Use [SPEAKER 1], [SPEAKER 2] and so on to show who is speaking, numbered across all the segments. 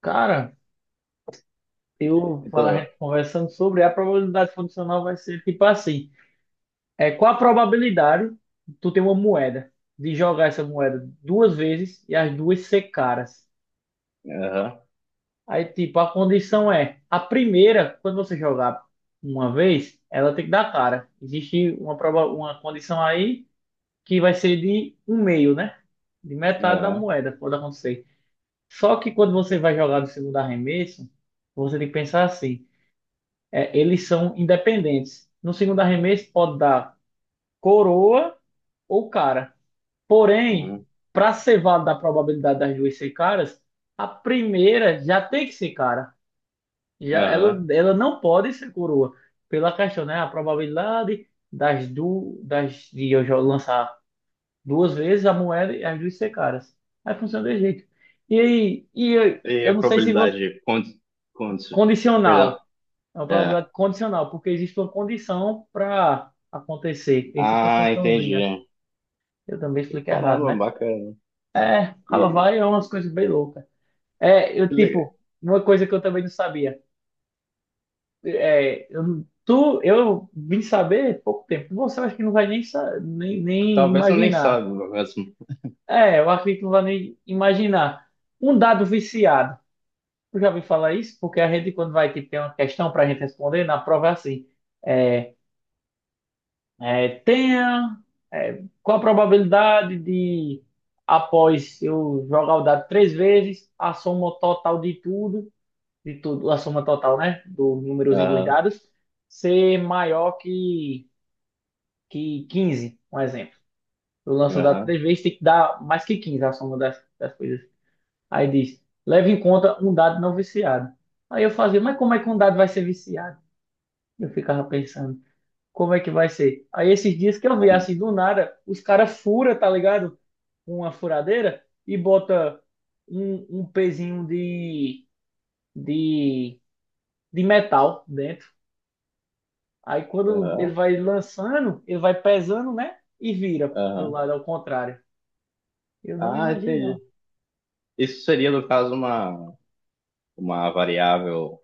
[SPEAKER 1] Cara, eu falar a
[SPEAKER 2] Então,
[SPEAKER 1] gente conversando sobre a probabilidade funcional vai ser tipo assim. É, qual a probabilidade de tu ter uma moeda, de jogar essa moeda 2 vezes e as duas ser caras?
[SPEAKER 2] aham,
[SPEAKER 1] Aí, tipo, a condição é, a primeira, quando você jogar uma vez, ela tem que dar cara. Existe uma, uma condição aí que vai ser de um meio, né? De metade da
[SPEAKER 2] aham,
[SPEAKER 1] moeda, pode acontecer. Só que quando você vai jogar do segundo arremesso, você tem que pensar assim. É, eles são independentes. No segundo arremesso pode dar coroa ou cara. Porém,
[SPEAKER 2] uhum,
[SPEAKER 1] para ser válida a probabilidade das duas ser caras, a primeira já tem que ser cara. Já, ela,
[SPEAKER 2] aham.
[SPEAKER 1] ela não pode ser coroa. Pela questão, né? A probabilidade das, de eu já lançar 2 vezes a moeda e as duas ser caras. Aí funciona desse jeito. E aí, e eu,
[SPEAKER 2] E
[SPEAKER 1] eu
[SPEAKER 2] a
[SPEAKER 1] não sei se você.
[SPEAKER 2] probabilidade de cont, perdão.
[SPEAKER 1] Condicional. É uma
[SPEAKER 2] É.
[SPEAKER 1] probabilidade condicional, porque existe uma condição para acontecer. Tem sempre uma
[SPEAKER 2] Ah,
[SPEAKER 1] condiçãozinha.
[SPEAKER 2] entendi.
[SPEAKER 1] Eu também expliquei errado,
[SPEAKER 2] Caramba,
[SPEAKER 1] né?
[SPEAKER 2] bacana.
[SPEAKER 1] É, ela
[SPEAKER 2] E
[SPEAKER 1] vai é umas coisas bem loucas. É, eu,
[SPEAKER 2] que legal.
[SPEAKER 1] tipo, uma coisa que eu também não sabia. É, eu, tu, eu vim saber pouco tempo. Você acho que não vai nem, nem
[SPEAKER 2] Talvez eu nem
[SPEAKER 1] imaginar.
[SPEAKER 2] saiba mesmo.
[SPEAKER 1] É, eu acredito que não vai nem imaginar. Um dado viciado. Tu já ouviu falar isso? Porque a gente, quando vai, tipo, ter uma questão para a gente responder, na prova é assim. É, é, tenha. É, qual a probabilidade de, após eu jogar o dado 3 vezes, a soma total de tudo, a soma total, né? Do númerozinho dos
[SPEAKER 2] Aham,
[SPEAKER 1] dados, ser maior que 15 um exemplo. Eu lanço o dado
[SPEAKER 2] aham,
[SPEAKER 1] 3 vezes, tem que dar mais que 15 a soma das, das coisas. Aí diz, leve em conta um dado não viciado. Aí eu fazia, mas como é que um dado vai ser viciado? Eu ficava pensando. Como é que vai ser? Aí esses dias que eu vi
[SPEAKER 2] um,
[SPEAKER 1] assim do nada, os caras fura, tá ligado? Com uma furadeira e bota um pezinho de, de metal dentro. Aí quando ele
[SPEAKER 2] aham,
[SPEAKER 1] vai lançando, ele vai pesando, né? E vira pro
[SPEAKER 2] aham.
[SPEAKER 1] lado ao contrário. Eu não
[SPEAKER 2] Ah,
[SPEAKER 1] imagino, não.
[SPEAKER 2] entendi. Isso seria, no caso, uma variável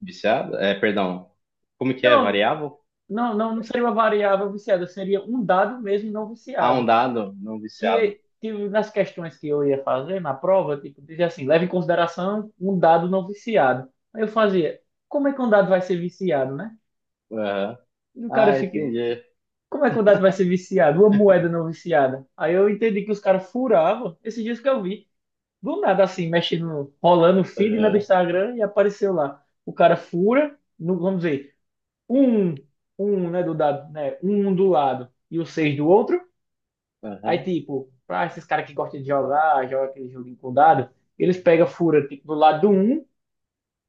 [SPEAKER 2] viciada? É, perdão. Como que é?
[SPEAKER 1] Não,
[SPEAKER 2] Variável?
[SPEAKER 1] não, não, não seria uma variável viciada, seria um dado mesmo não
[SPEAKER 2] Ah, um
[SPEAKER 1] viciado.
[SPEAKER 2] dado não viciado.
[SPEAKER 1] Que tipo, nas questões que eu ia fazer na prova, tipo, dizia assim, leva em consideração um dado não viciado. Aí eu fazia, como é que um dado vai ser viciado, né?
[SPEAKER 2] Aham.
[SPEAKER 1] E o cara
[SPEAKER 2] Ah,
[SPEAKER 1] fica,
[SPEAKER 2] entendi.
[SPEAKER 1] como é que um dado vai ser viciado? Uma moeda não viciada. Aí eu entendi que os caras furavam, esses dias que eu vi, do nada assim, mexendo, rolando o feed, né, do
[SPEAKER 2] Aham,
[SPEAKER 1] Instagram e apareceu lá. O cara fura, no, vamos dizer, um, um, né, do dado, né, um do lado e o seis do outro. Aí,
[SPEAKER 2] aham,
[SPEAKER 1] tipo, pra esses caras que gostam de jogar, joga aquele joguinho com dado, eles pegam, fura, tipo, do lado do 1,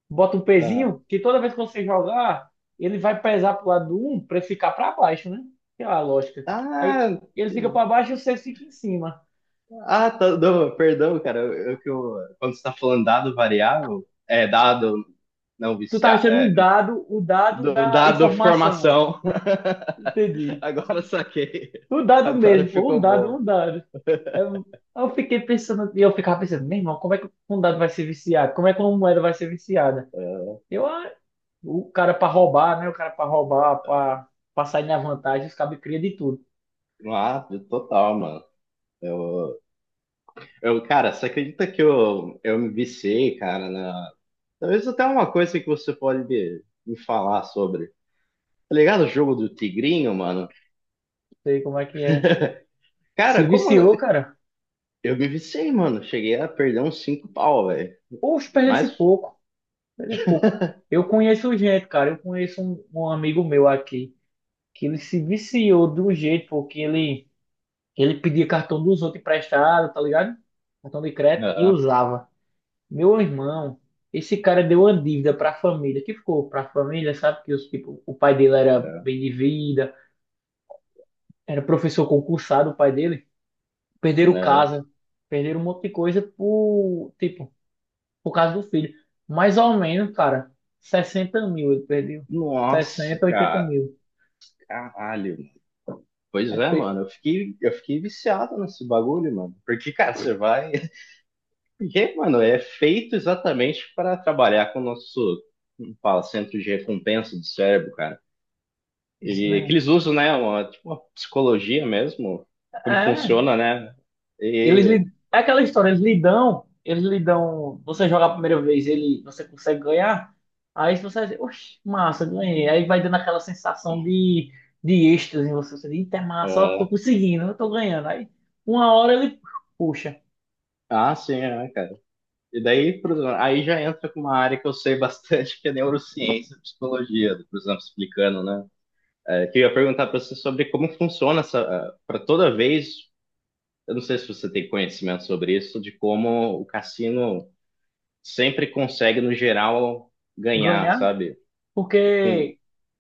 [SPEAKER 1] bota um
[SPEAKER 2] aham.
[SPEAKER 1] pezinho, que toda vez que você jogar, ele vai pesar pro lado do 1 pra ele ficar pra baixo, né? Que é a lógica. Aí
[SPEAKER 2] Ah,
[SPEAKER 1] ele fica
[SPEAKER 2] te-
[SPEAKER 1] pra baixo e você fica em cima.
[SPEAKER 2] ah, tá, não, perdão, cara. Quando você tá falando dado variável, é dado não
[SPEAKER 1] Tu tá
[SPEAKER 2] viciar,
[SPEAKER 1] achando
[SPEAKER 2] é,
[SPEAKER 1] um dado, o dado da
[SPEAKER 2] dado
[SPEAKER 1] informação.
[SPEAKER 2] formação.
[SPEAKER 1] Entendi.
[SPEAKER 2] Agora eu saquei.
[SPEAKER 1] O dado
[SPEAKER 2] Agora
[SPEAKER 1] mesmo, pô, um
[SPEAKER 2] ficou
[SPEAKER 1] dado,
[SPEAKER 2] bom.
[SPEAKER 1] um dado. Eu, eu fiquei pensando, e eu ficava pensando, meu irmão, como é que um dado vai ser viciado? Como é que uma moeda vai ser viciada? Eu, ah, o cara pra roubar, né? O cara pra roubar, pra sair na vantagem, os cabos cria de tudo. Não
[SPEAKER 2] Ah, total, mano. Eu, cara, você acredita que eu me viciei, cara, na... Talvez até uma coisa que você pode me falar sobre. Tá ligado o jogo do tigrinho, mano?
[SPEAKER 1] sei como é que é. Se
[SPEAKER 2] Cara, como,
[SPEAKER 1] viciou, cara.
[SPEAKER 2] Eu me viciei, mano. Cheguei a perder uns cinco pau, velho.
[SPEAKER 1] Poxa, esse
[SPEAKER 2] Mas.
[SPEAKER 1] pouco. Perdesse pouco. Eu conheço gente, cara. Eu conheço um amigo meu aqui que ele se viciou de um jeito, porque ele pedia cartão dos outros emprestado, tá ligado? Cartão de crédito e
[SPEAKER 2] Não,
[SPEAKER 1] usava. Meu irmão, esse cara deu uma dívida pra família, que ficou pra família, sabe? Que os, tipo, o pai dele era
[SPEAKER 2] não,
[SPEAKER 1] bem de vida, era professor concursado, o pai dele. Perderam
[SPEAKER 2] aham.
[SPEAKER 1] casa, perderam um monte de coisa por, tipo, por causa do filho. Mais ou menos, cara, 60 mil ele perdeu.
[SPEAKER 2] Nossa,
[SPEAKER 1] 60, 80
[SPEAKER 2] cara.
[SPEAKER 1] mil.
[SPEAKER 2] Caralho. Pois
[SPEAKER 1] É,
[SPEAKER 2] é,
[SPEAKER 1] pe-
[SPEAKER 2] mano. Eu fiquei viciado nesse bagulho, mano. Porque, cara, você vai. Porque, mano, é feito exatamente para trabalhar com o nosso, como fala, centro de recompensa do cérebro, cara.
[SPEAKER 1] isso
[SPEAKER 2] E é que
[SPEAKER 1] mesmo.
[SPEAKER 2] eles usam, né? Uma, tipo, uma psicologia mesmo. Como
[SPEAKER 1] É,
[SPEAKER 2] funciona, né?
[SPEAKER 1] eles lhe,
[SPEAKER 2] E.
[SPEAKER 1] é aquela história, eles lhe dão, você joga a primeira vez, ele, você consegue ganhar, aí você diz, oxe, massa, ganhei. Aí vai dando aquela sensação de êxtase em você, você diz, eita, é massa, ó, tô
[SPEAKER 2] Ah,
[SPEAKER 1] conseguindo, eu tô ganhando. Aí, uma hora ele, puxa,
[SPEAKER 2] ah, sim, é, cara. E daí, por exemplo, aí já entra com uma área que eu sei bastante, que é neurociência e psicologia, por exemplo, explicando, né? É, que eu ia perguntar para você sobre como funciona essa. Para toda vez, eu não sei se você tem conhecimento sobre isso, de como o cassino sempre consegue, no geral, ganhar,
[SPEAKER 1] ganhar,
[SPEAKER 2] sabe? Hum,
[SPEAKER 1] porque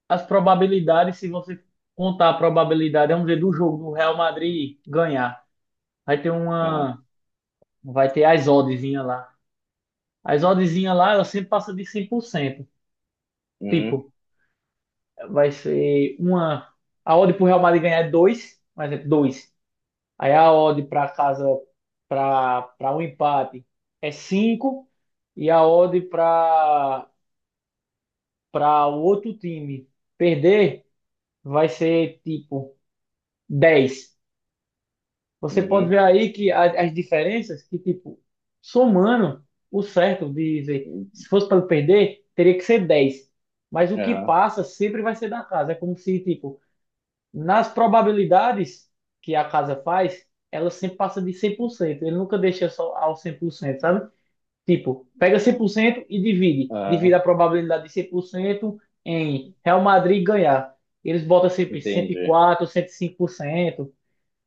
[SPEAKER 1] as probabilidades, se você contar a probabilidade, vamos dizer, do jogo do Real Madrid ganhar, vai ter
[SPEAKER 2] ah,
[SPEAKER 1] uma, vai ter as oddzinha lá. As oddzinha lá, ela sempre passa de 100%.
[SPEAKER 2] uhum,
[SPEAKER 1] Tipo, vai ser uma, a odd pro Real Madrid ganhar é 2, por exemplo, 2. Aí a odd para casa para um empate é 5 e a odd para o outro time perder vai ser tipo 10. Você pode
[SPEAKER 2] uhum,
[SPEAKER 1] ver aí que as diferenças que, tipo, somando o certo de dizer, se fosse para perder, teria que ser 10. Mas o que
[SPEAKER 2] ah,
[SPEAKER 1] passa sempre vai ser da casa. É como se, tipo, nas probabilidades que a casa faz, ela sempre passa de cem por cento. Ele nunca deixa só ao 100%, sabe? Tipo, pega 100% e divide. Divide
[SPEAKER 2] ah,
[SPEAKER 1] a probabilidade de 100% em Real Madrid ganhar. Eles botam sempre cento e
[SPEAKER 2] entendi.
[SPEAKER 1] quatro, 105%,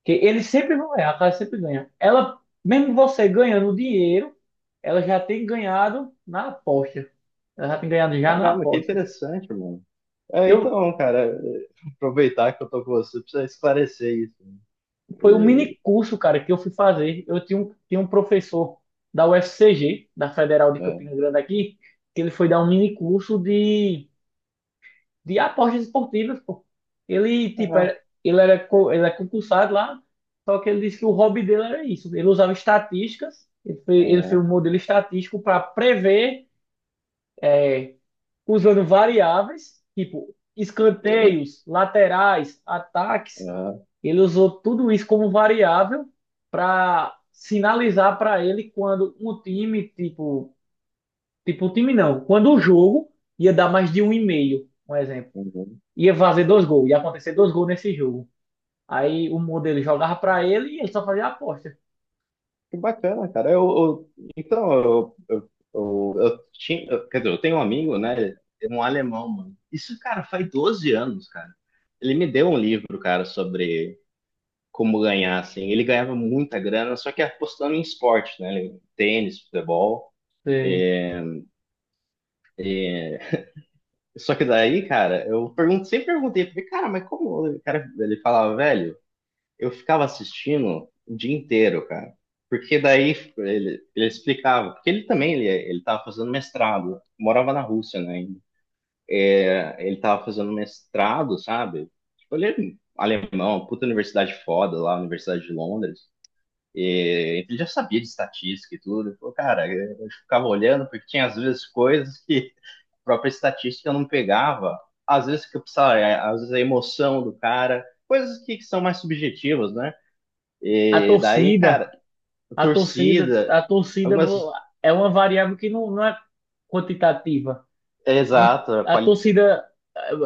[SPEAKER 1] que eles sempre vão errar, a casa sempre ganha. Ela, mesmo você ganhando dinheiro, ela já tem ganhado na aposta. Ela já tem ganhado já na
[SPEAKER 2] Caramba, que
[SPEAKER 1] aposta.
[SPEAKER 2] interessante, mano. É,
[SPEAKER 1] Eu,
[SPEAKER 2] então, cara, aproveitar que eu tô com você, precisa esclarecer isso.
[SPEAKER 1] foi um mini curso, cara, que eu fui fazer. Eu tinha um professor da UFCG, da Federal de
[SPEAKER 2] É.
[SPEAKER 1] Campina Grande aqui, que ele foi dar um mini curso de apostas esportivas, pô. Ele, tipo, era,
[SPEAKER 2] Ah,
[SPEAKER 1] ele era, ele é concursado lá, só que ele disse que o hobby dele era isso. Ele usava estatísticas, ele foi
[SPEAKER 2] é,
[SPEAKER 1] um modelo estatístico para prever, é, usando variáveis, tipo,
[SPEAKER 2] é,
[SPEAKER 1] escanteios, laterais, ataques.
[SPEAKER 2] é,
[SPEAKER 1] Ele usou tudo isso como variável para sinalizar para ele quando um time, tipo, tipo, o time não, quando o jogo ia dar mais de um e meio, um exemplo
[SPEAKER 2] uhum.
[SPEAKER 1] ia fazer 2 gols, ia acontecer 2 gols nesse jogo. Aí o modelo jogava para ele e ele só fazia a aposta.
[SPEAKER 2] Que bacana, cara. Então, quer dizer, eu tenho um amigo, né? Um alemão, mano. Isso, cara, faz 12 anos, cara. Ele me deu um livro, cara, sobre como ganhar, assim. Ele ganhava muita grana, só que apostando em esporte, né? Tênis, futebol.
[SPEAKER 1] Sim.
[SPEAKER 2] Só que daí, cara, eu pergunto, sempre perguntei, porque, cara, mas como? O cara, ele falava, velho. Eu ficava assistindo o dia inteiro, cara. Porque daí ele explicava, porque ele também ele tava fazendo mestrado, morava na Rússia, né? Ainda. Ele tava fazendo mestrado, sabe? Tipo, ele é alemão, puta universidade foda lá, Universidade de Londres. E ele já sabia de estatística e tudo. Ele falou, cara, eu ficava olhando porque tinha às vezes coisas que a própria estatística eu não pegava. Às vezes que eu precisava, é, às vezes a emoção do cara, coisas que são mais subjetivas, né?
[SPEAKER 1] A
[SPEAKER 2] E daí, cara,
[SPEAKER 1] torcida,
[SPEAKER 2] a
[SPEAKER 1] a torcida,
[SPEAKER 2] torcida,
[SPEAKER 1] a torcida
[SPEAKER 2] algumas.
[SPEAKER 1] é uma variável que não, não é quantitativa.
[SPEAKER 2] É,
[SPEAKER 1] Uma-
[SPEAKER 2] exato, a
[SPEAKER 1] a
[SPEAKER 2] quali...
[SPEAKER 1] torcida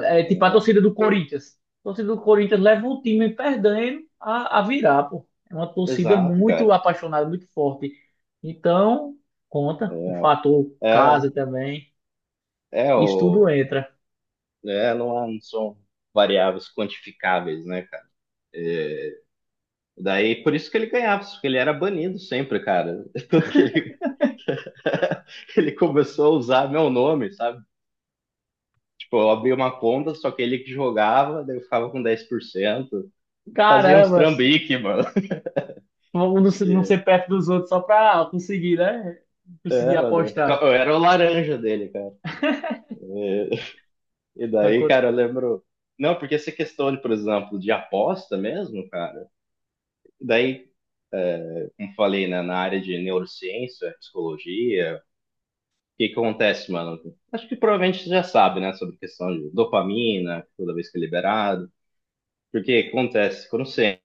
[SPEAKER 1] é, é tipo a torcida do Corinthians. A torcida do Corinthians leva o time perdendo a virar, pô. É uma torcida
[SPEAKER 2] Exato,
[SPEAKER 1] muito
[SPEAKER 2] cara.
[SPEAKER 1] apaixonada, muito forte. Então, conta o
[SPEAKER 2] É,
[SPEAKER 1] fator
[SPEAKER 2] é
[SPEAKER 1] casa também.
[SPEAKER 2] é
[SPEAKER 1] Isso tudo
[SPEAKER 2] o.
[SPEAKER 1] entra.
[SPEAKER 2] É, não, não são variáveis quantificáveis, né, cara? Daí, por isso que ele ganhava, porque ele era banido sempre, cara. Tanto que ele começou a usar meu nome, sabe? Tipo, eu abri uma conta, só que ele que jogava, daí eu ficava com 10%. Fazia uns
[SPEAKER 1] Caramba,
[SPEAKER 2] trambique, mano.
[SPEAKER 1] vamos não ser perto dos outros só pra conseguir, né? Conseguir
[SPEAKER 2] É, mano.
[SPEAKER 1] apostar.
[SPEAKER 2] Eu era o laranja dele, cara. E
[SPEAKER 1] a
[SPEAKER 2] daí,
[SPEAKER 1] co-
[SPEAKER 2] cara, eu lembro. Não, porque essa questão, de, por exemplo, de aposta mesmo, cara. Daí, como falei, né, na área de neurociência, psicologia, o que que acontece, mano? Acho que provavelmente você já sabe, né, sobre questão de dopamina, toda vez que é liberado. Porque acontece quando você, é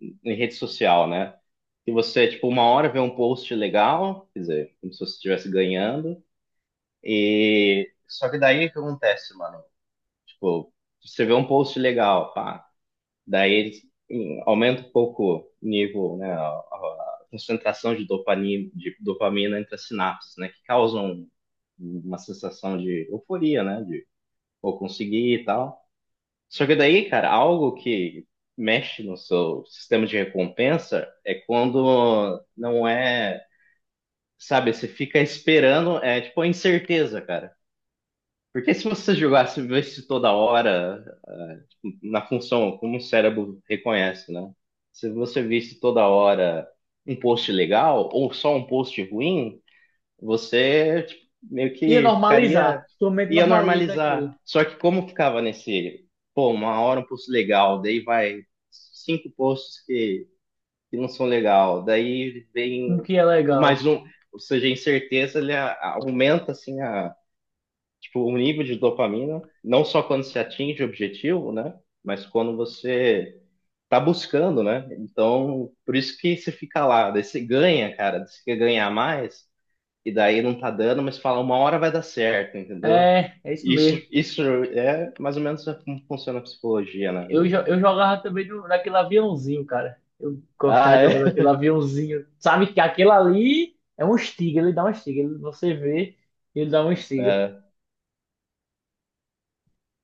[SPEAKER 2] em rede social, né? Que você, tipo, uma hora vê um post legal, quer dizer, como se você estivesse ganhando, e só que daí o que acontece, mano? Tipo, você vê um post legal, pá. Daí aumenta um pouco o nível, né, a concentração de dopamina, entre as sinapses, né, que causam uma sensação de euforia, né, de vou conseguir e tal. Só que daí, cara, algo que mexe no seu sistema de recompensa é quando não é, sabe, você fica esperando, é tipo a incerteza, cara. Porque se você jogasse, vivesse toda hora na função, como o cérebro reconhece, né? Se você visse toda hora um post legal ou só um post ruim, você tipo, meio
[SPEAKER 1] e
[SPEAKER 2] que
[SPEAKER 1] normalizar.
[SPEAKER 2] ficaria,
[SPEAKER 1] Sua mente
[SPEAKER 2] ia
[SPEAKER 1] normaliza aquilo.
[SPEAKER 2] normalizar. Só que como ficava nesse, pô, uma hora um post legal, daí vai cinco posts que não são legal, daí
[SPEAKER 1] O
[SPEAKER 2] vem
[SPEAKER 1] que é
[SPEAKER 2] o mais
[SPEAKER 1] legal.
[SPEAKER 2] um, ou seja, a incerteza ele aumenta assim a tipo, o nível de dopamina, não só quando se atinge o objetivo, né? Mas quando você tá buscando, né? Então, por isso que você fica lá, daí você ganha, cara, você quer ganhar mais, e daí não tá dando, mas fala, uma hora vai dar certo, entendeu?
[SPEAKER 1] É, é isso
[SPEAKER 2] Isso,
[SPEAKER 1] mesmo.
[SPEAKER 2] isso é mais ou menos como funciona a psicologia, né?
[SPEAKER 1] Eu,
[SPEAKER 2] Do,
[SPEAKER 1] eu jogava também no, naquele aviãozinho, cara. Eu gostava
[SPEAKER 2] ah,
[SPEAKER 1] de jogar
[SPEAKER 2] é.
[SPEAKER 1] naquele aviãozinho. Sabe que aquele ali é um estiga, ele dá um estiga. Ele, você vê, ele dá um estiga.